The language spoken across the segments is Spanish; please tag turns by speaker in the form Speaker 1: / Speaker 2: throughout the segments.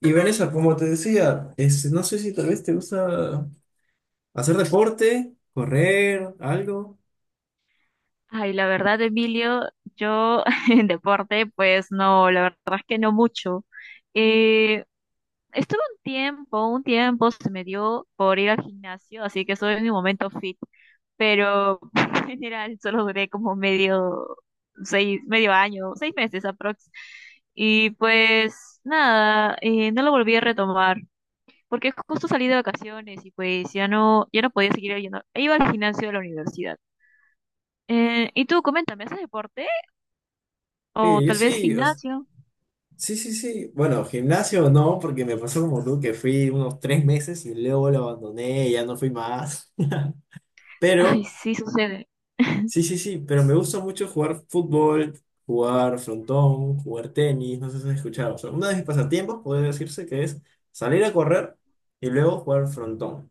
Speaker 1: Y Vanessa, como te decía, no sé si tal vez te gusta hacer deporte, correr, algo.
Speaker 2: Ay, la verdad, Emilio, yo en deporte, pues no, la verdad es que no mucho. Eh, estuve un tiempo se me dio por ir al gimnasio, así que estoy en mi momento fit, pero en general solo duré como medio, seis, medio año, seis meses aprox. Y pues nada, no lo volví a retomar, porque justo salí de vacaciones y pues ya no, ya no podía seguir yendo. E iba al gimnasio de la universidad. Y tú, coméntame, ¿haces deporte? O
Speaker 1: Oye, yo
Speaker 2: tal vez
Speaker 1: sí, o s-
Speaker 2: gimnasio.
Speaker 1: sí, sí, sí. Bueno, gimnasio no, porque me pasó como tú que fui unos tres meses y luego lo abandoné, ya no fui más.
Speaker 2: Ay,
Speaker 1: Pero,
Speaker 2: sí, sucede.
Speaker 1: sí, pero me gusta mucho jugar fútbol, jugar frontón, jugar tenis, no sé si has escuchado. O sea, uno de mis pasatiempos puede decirse que es salir a correr y luego jugar frontón.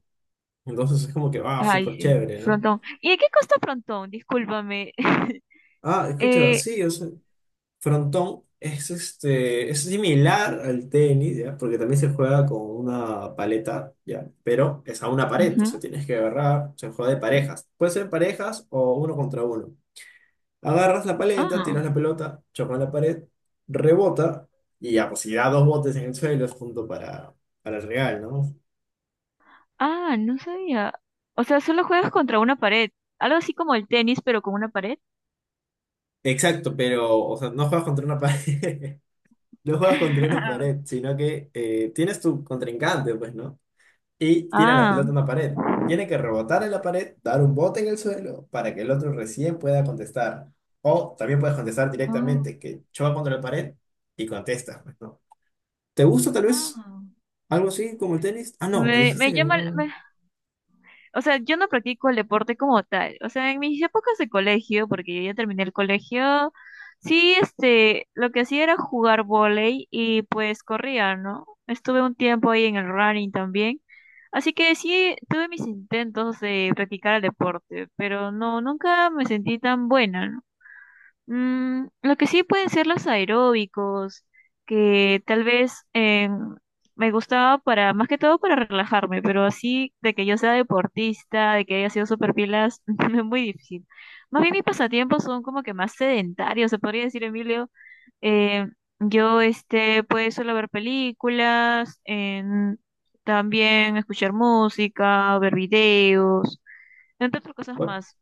Speaker 1: Entonces es como que, va,
Speaker 2: Ay,
Speaker 1: súper
Speaker 2: sí.
Speaker 1: chévere, ¿no?
Speaker 2: Frontón. ¿Y de qué costa frontón? Discúlpame.
Speaker 1: Ah, escucha,
Speaker 2: Eh,
Speaker 1: sí, o sea, frontón es similar al tenis, ¿ya? Porque también se juega con una paleta, ¿ya? Pero es a una pared, o sea,
Speaker 2: ujú.
Speaker 1: tienes que agarrar, se juega de parejas. Puede ser parejas o uno contra uno. Agarras la paleta,
Speaker 2: Ah,
Speaker 1: tiras la pelota, choca en la pared, rebota y ya, pues si da dos botes en el suelo es punto para el regal, ¿no?
Speaker 2: ah, no sabía. O sea, solo juegas contra una pared. Algo así como el tenis, pero con una pared.
Speaker 1: Exacto, pero, o sea, no juegas contra una pared, no juegas contra una pared, sino que tienes tu contrincante, pues, ¿no? Y tiran la
Speaker 2: Ah,
Speaker 1: pelota a una pared. Tiene que rebotar en la pared, dar un bote en el suelo para que el otro recién pueda contestar. O también puedes contestar
Speaker 2: ah,
Speaker 1: directamente, que choca contra la pared y contestas, pues, ¿no? ¿Te gusta tal vez
Speaker 2: ah.
Speaker 1: algo así como el tenis? Ah, no, me
Speaker 2: Me,
Speaker 1: dijiste
Speaker 2: me
Speaker 1: que
Speaker 2: llama,
Speaker 1: no.
Speaker 2: me, o sea, yo no practico el deporte como tal. O sea, en mis épocas de colegio, porque yo ya terminé el colegio, sí, este, lo que hacía era jugar vóley y pues corría, ¿no? Estuve un tiempo ahí en el running también. Así que sí, tuve mis intentos de practicar el deporte, pero no, nunca me sentí tan buena, ¿no? Mm, lo que sí pueden ser los aeróbicos, que tal vez me gustaba para, más que todo para relajarme, pero así de que yo sea deportista, de que haya sido super pilas, es muy difícil. Más bien mis pasatiempos son como que más sedentarios, se podría decir, Emilio. Eh, yo este, pues suelo ver películas, también escuchar música, ver videos, entre otras cosas
Speaker 1: Bueno,
Speaker 2: más.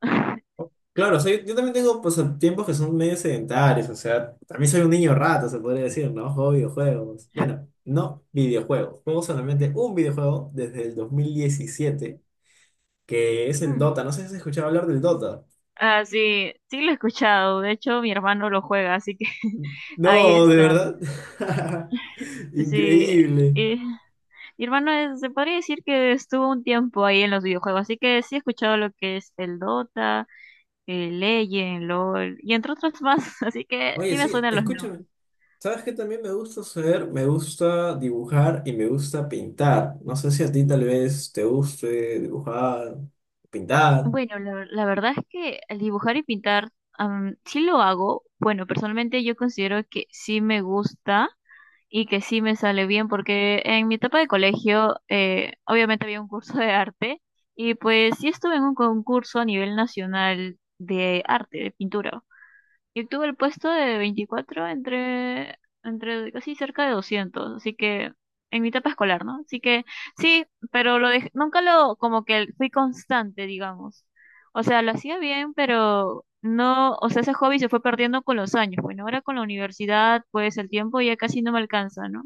Speaker 1: o- claro, o sea, yo también tengo pues tiempos que son medio sedentarios, o sea, también soy un niño rato, se podría decir, ¿no? Juego videojuegos. Bueno, no videojuegos, juego solamente un videojuego desde el 2017, que es el Dota. No sé si has escuchado hablar del Dota.
Speaker 2: Ah, sí, sí lo he escuchado. De hecho, mi hermano lo juega, así que ahí
Speaker 1: No, de
Speaker 2: está.
Speaker 1: verdad.
Speaker 2: Sí.
Speaker 1: Increíble.
Speaker 2: eh, mi hermano se podría decir que estuvo un tiempo ahí en los videojuegos, así que sí he escuchado lo que es el Dota, el Legend, LOL, y entre otros más, así que
Speaker 1: Oye,
Speaker 2: sí me
Speaker 1: sí,
Speaker 2: suenan los
Speaker 1: escúchame.
Speaker 2: nombres.
Speaker 1: ¿Sabes qué también me gusta hacer? Me gusta dibujar y me gusta pintar. No sé si a ti tal vez te guste dibujar, pintar.
Speaker 2: Bueno, la verdad es que al dibujar y pintar, sí lo hago. Bueno, personalmente yo considero que sí me gusta. Y que sí me sale bien porque en mi etapa de colegio obviamente había un curso de arte y pues sí estuve en un concurso a nivel nacional de arte, de pintura. Y obtuve el puesto de 24 entre, entre casi cerca de 200, así que en mi etapa escolar, ¿no? Así que sí, pero nunca lo, como que fui constante, digamos. O sea, lo hacía bien, pero no, o sea, ese hobby se fue perdiendo con los años. Bueno, ahora con la universidad, pues el tiempo ya casi no me alcanza, ¿no?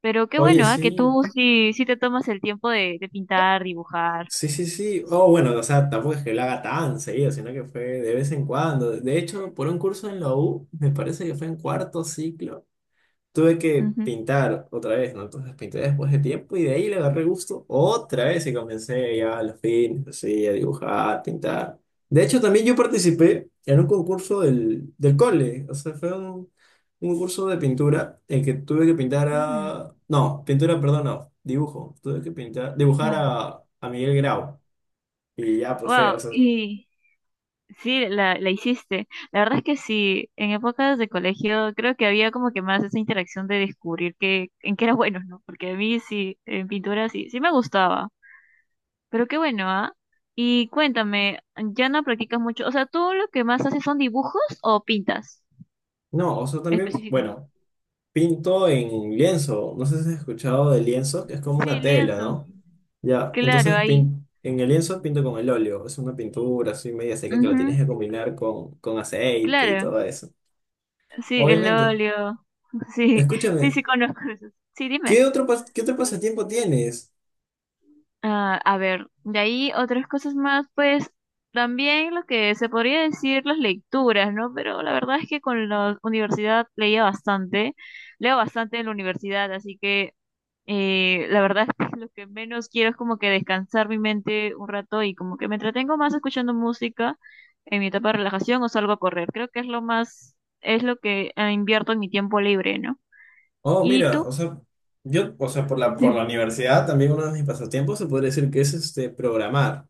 Speaker 2: Pero qué
Speaker 1: Oye,
Speaker 2: bueno, ¿ah? Que
Speaker 1: sí.
Speaker 2: tú sí, sí te tomas el tiempo de pintar, dibujar.
Speaker 1: Sí. Oh, bueno, o sea, tampoco es que lo haga tan seguido, sino que fue de vez en cuando. De hecho, por un curso en la U, me parece que fue en cuarto ciclo. Tuve que
Speaker 2: Ujú.
Speaker 1: pintar otra vez, ¿no? Entonces pinté después de tiempo y de ahí le agarré gusto otra vez y comencé ya a los fines, así, a dibujar, pintar. De hecho, también yo participé en un concurso del cole, o sea, fue un curso de pintura en que tuve que pintar
Speaker 2: Ujú.
Speaker 1: a... No, pintura, perdón, no, dibujo. Tuve que pintar, dibujar a Miguel Grau y ya, pues fue, o
Speaker 2: Wow,
Speaker 1: sea,
Speaker 2: y sí, la hiciste. La verdad es que sí, en épocas de colegio creo que había como que más esa interacción de descubrir que, en qué era bueno, ¿no? Porque a mí sí, en pintura sí, sí me gustaba. Pero qué bueno, ¿ah? Y cuéntame, ¿ya no practicas mucho? O sea, ¿tú lo que más haces son dibujos o pintas
Speaker 1: no, o sea, también,
Speaker 2: específicamente?
Speaker 1: bueno, pinto en lienzo, no sé si has escuchado de lienzo, que es como
Speaker 2: Sí,
Speaker 1: una tela,
Speaker 2: lienzo.
Speaker 1: ¿no? Ya,
Speaker 2: Claro,
Speaker 1: entonces
Speaker 2: ahí.
Speaker 1: pin- en el lienzo pinto con el óleo. Es una pintura así media seca que la
Speaker 2: Ujú,
Speaker 1: tienes que combinar con aceite y
Speaker 2: claro.
Speaker 1: todo eso.
Speaker 2: Sí, el
Speaker 1: Obviamente.
Speaker 2: óleo. Sí, sí,
Speaker 1: Escúchame,
Speaker 2: sí conozco eso. Sí, dime.
Speaker 1: ¿qué otro, pas- qué otro pasatiempo tienes?
Speaker 2: Ah, a ver, de ahí otras cosas más, pues también lo que se podría decir las lecturas, ¿no? Pero la verdad es que con la universidad leía bastante, leo bastante en la universidad, así que la verdad es que lo que menos quiero es como que descansar mi mente un rato y como que me entretengo más escuchando música en mi etapa de relajación o salgo a correr. Creo que es lo más, es lo que invierto en mi tiempo libre, ¿no?
Speaker 1: Oh,
Speaker 2: ¿Y
Speaker 1: mira,
Speaker 2: tú?
Speaker 1: o sea, yo, o sea, por por la universidad también uno de mis pasatiempos se podría decir que es programar.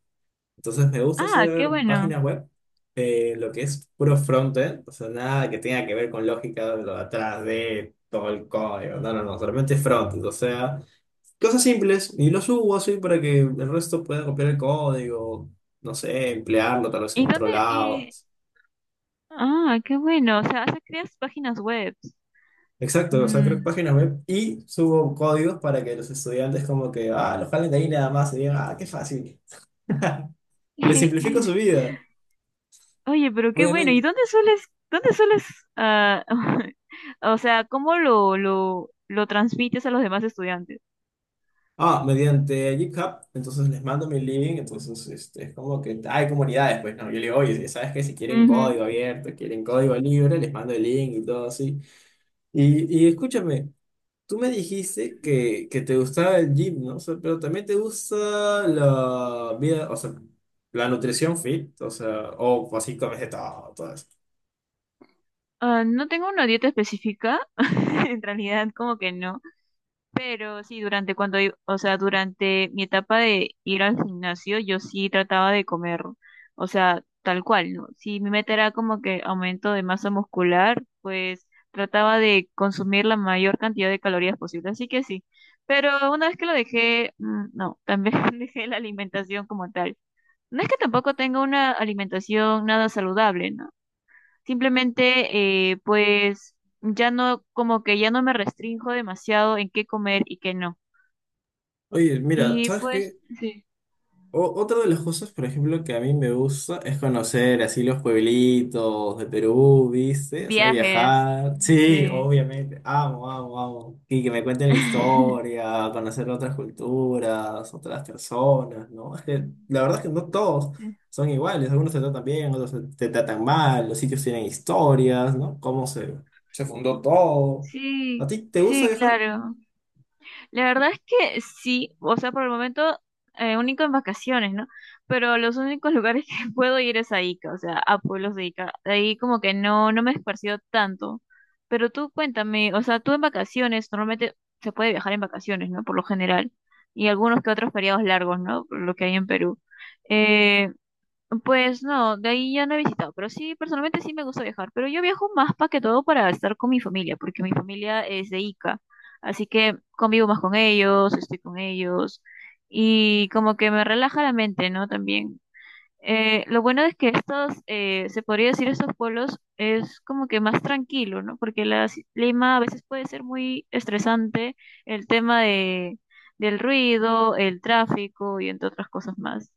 Speaker 1: Entonces me gusta
Speaker 2: Ah, qué
Speaker 1: hacer
Speaker 2: bueno.
Speaker 1: páginas web, lo que es puro frontend, o sea, nada que tenga que ver con lógica de lo de atrás de todo el código. No, no, no, solamente frontend, o sea. Cosas simples y lo subo así para que el resto pueda copiar el código, no sé, emplearlo tal vez en
Speaker 2: ¿Y
Speaker 1: otro
Speaker 2: dónde?
Speaker 1: lado.
Speaker 2: Ah, qué bueno. O sea, creas páginas web.
Speaker 1: Exacto, o sea, creo
Speaker 2: Mm.
Speaker 1: páginas web y subo códigos para que los estudiantes como que, ah, los jalen de ahí nada más y digan, ah, qué fácil. Les simplifico su vida,
Speaker 2: Oye, pero qué bueno. ¿Y
Speaker 1: obviamente.
Speaker 2: dónde sueles, ah, o sea, cómo lo transmites a los demás estudiantes?
Speaker 1: Ah, mediante GitHub, entonces les mando mi link, es como que hay comunidades, pues, ¿no? Yo le digo, oye, si ¿sabes qué? Si quieren
Speaker 2: Ujú.
Speaker 1: código abierto, quieren código libre, les mando el link y todo así. Y escúchame. Tú me dijiste que te gustaba el gym, ¿no? O sea, pero también te gusta la vida, o sea, la nutrición fit, o sea, o así comes de todo, todo eso.
Speaker 2: Ah, no tengo una dieta específica, en realidad como que no. Pero sí, durante o sea, durante mi etapa de ir al gimnasio, yo sí trataba de comer, o sea, tal cual, ¿no? Si mi meta era como que aumento de masa muscular, pues trataba de consumir la mayor cantidad de calorías posible, así que sí. Pero una vez que lo dejé, no, también dejé la alimentación como tal. No es que tampoco tenga una alimentación nada saludable, ¿no? Simplemente, pues, ya no, como que ya no me restrinjo demasiado en qué comer y qué no.
Speaker 1: Oye, mira,
Speaker 2: Y
Speaker 1: ¿sabes
Speaker 2: pues,
Speaker 1: qué?
Speaker 2: sí,
Speaker 1: O- otra de las cosas, por ejemplo, que a mí me gusta es conocer así los pueblitos de Perú, ¿viste? O sea,
Speaker 2: viajes,
Speaker 1: viajar. Sí,
Speaker 2: sí.
Speaker 1: obviamente. Amo, amo, amo. Y que me cuenten la historia, conocer otras culturas, otras personas, ¿no? Es que la verdad es que no todos son iguales. Algunos te tratan bien, otros te tratan mal. Los sitios tienen historias, ¿no? Cómo se, se fundó todo. ¿A ti
Speaker 2: Sí,
Speaker 1: te gusta
Speaker 2: sí,
Speaker 1: viajar?
Speaker 2: claro. La verdad es que sí, o sea, por el momento único en vacaciones, ¿no? Pero los únicos lugares que puedo ir es a Ica, o sea, a pueblos de Ica. De ahí como que no, no me he esparcido tanto. Pero tú cuéntame, o sea, tú en vacaciones, normalmente se puede viajar en vacaciones, ¿no? Por lo general. Y algunos que otros feriados largos, ¿no? Por lo que hay en Perú. Eh, Pues no, de ahí ya no he visitado, pero sí, personalmente sí me gusta viajar, pero yo viajo más para que todo para estar con mi familia, porque mi familia es de Ica, así que convivo más con ellos, estoy con ellos y como que me relaja la mente, ¿no? También. Lo bueno es que estos, se podría decir, estos pueblos es como que más tranquilo, ¿no? Porque la Lima a veces puede ser muy estresante el tema de, del ruido, el tráfico y entre otras cosas más.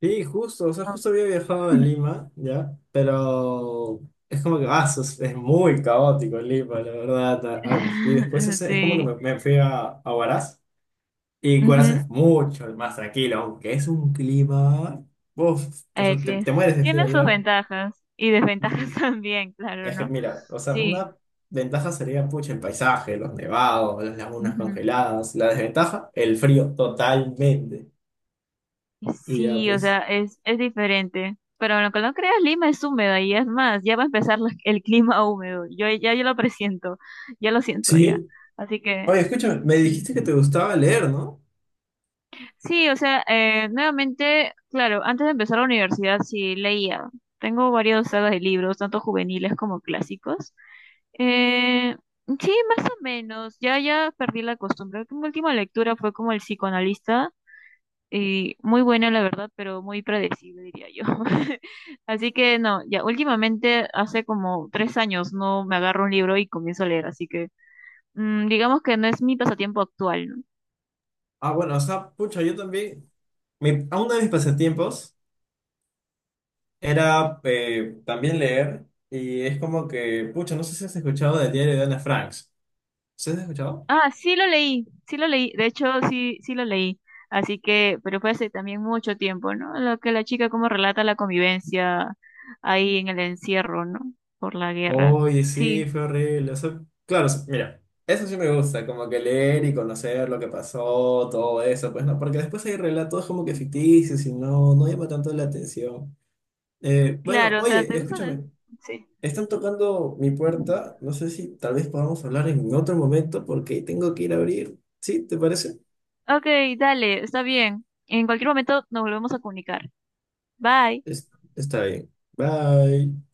Speaker 1: Sí, justo, o sea,
Speaker 2: Ah.
Speaker 1: justo había viajado a Lima, ¿ya? Pero es como que, ah, sos- es muy caótico Lima, la verdad. A- a- y después es como que
Speaker 2: Sí.
Speaker 1: me fui a Huaraz, y Huaraz
Speaker 2: Ujú.
Speaker 1: es mucho más tranquilo, aunque es un clima, uf, o
Speaker 2: Eh,
Speaker 1: sea,
Speaker 2: que es-
Speaker 1: te mueres de frío
Speaker 2: tiene sus
Speaker 1: allá.
Speaker 2: ventajas y desventajas
Speaker 1: Sí.
Speaker 2: también, claro,
Speaker 1: Es que,
Speaker 2: ¿no?
Speaker 1: mira, o sea,
Speaker 2: Sí.
Speaker 1: una ventaja sería, pucha, el paisaje, los nevados, las lagunas
Speaker 2: Ujú.
Speaker 1: congeladas. La desventaja, el frío, totalmente. Y ya,
Speaker 2: Sí, o
Speaker 1: pues,
Speaker 2: sea, es diferente. Pero lo que no creas, Lima es húmedo y es más, ya va a empezar el clima húmedo. Yo lo presiento, ya lo siento ya.
Speaker 1: sí.
Speaker 2: Así que
Speaker 1: Oye, escúchame, me
Speaker 2: sí.
Speaker 1: dijiste que te gustaba leer, ¿no?
Speaker 2: Sí, o sea, nuevamente, claro, antes de empezar la universidad sí leía. Tengo varios sagas de libros, tanto juveniles como clásicos. Eh, sí, más o menos. Ya, ya perdí la costumbre. Mi última lectura fue como el psicoanalista y muy buena, la verdad, pero muy predecible, diría yo. Así que no, ya últimamente hace como 3 años no me agarro un libro y comienzo a leer, así que digamos que no es mi pasatiempo actual, ¿no?
Speaker 1: Ah, bueno, o sea, pucha, yo también, mi, a uno de mis pasatiempos era también leer, y es como que, pucha, no sé si has escuchado del diario de Ana Frank. ¿Sí has escuchado?
Speaker 2: Ah, sí lo leí, de hecho sí, sí lo leí, así que, pero fue hace también mucho tiempo, ¿no? Lo que la chica como relata la convivencia ahí en el encierro, ¿no? Por la guerra.
Speaker 1: Oye, sí,
Speaker 2: Sí,
Speaker 1: fue horrible. O sea, claro, s- mira, eso sí me gusta, como que leer y conocer lo que pasó, todo eso, pues no, porque después hay relatos como que ficticios y no, no llama tanto la atención. Bueno,
Speaker 2: claro, o sea,
Speaker 1: oye,
Speaker 2: ¿te gusta?
Speaker 1: escúchame.
Speaker 2: Sí.
Speaker 1: Están tocando mi puerta. No sé si tal vez podamos hablar en otro momento porque tengo que ir a abrir. ¿Sí? ¿Te parece?
Speaker 2: Ok, dale, está bien. En cualquier momento nos volvemos a comunicar. Bye.
Speaker 1: Es- está bien. Bye.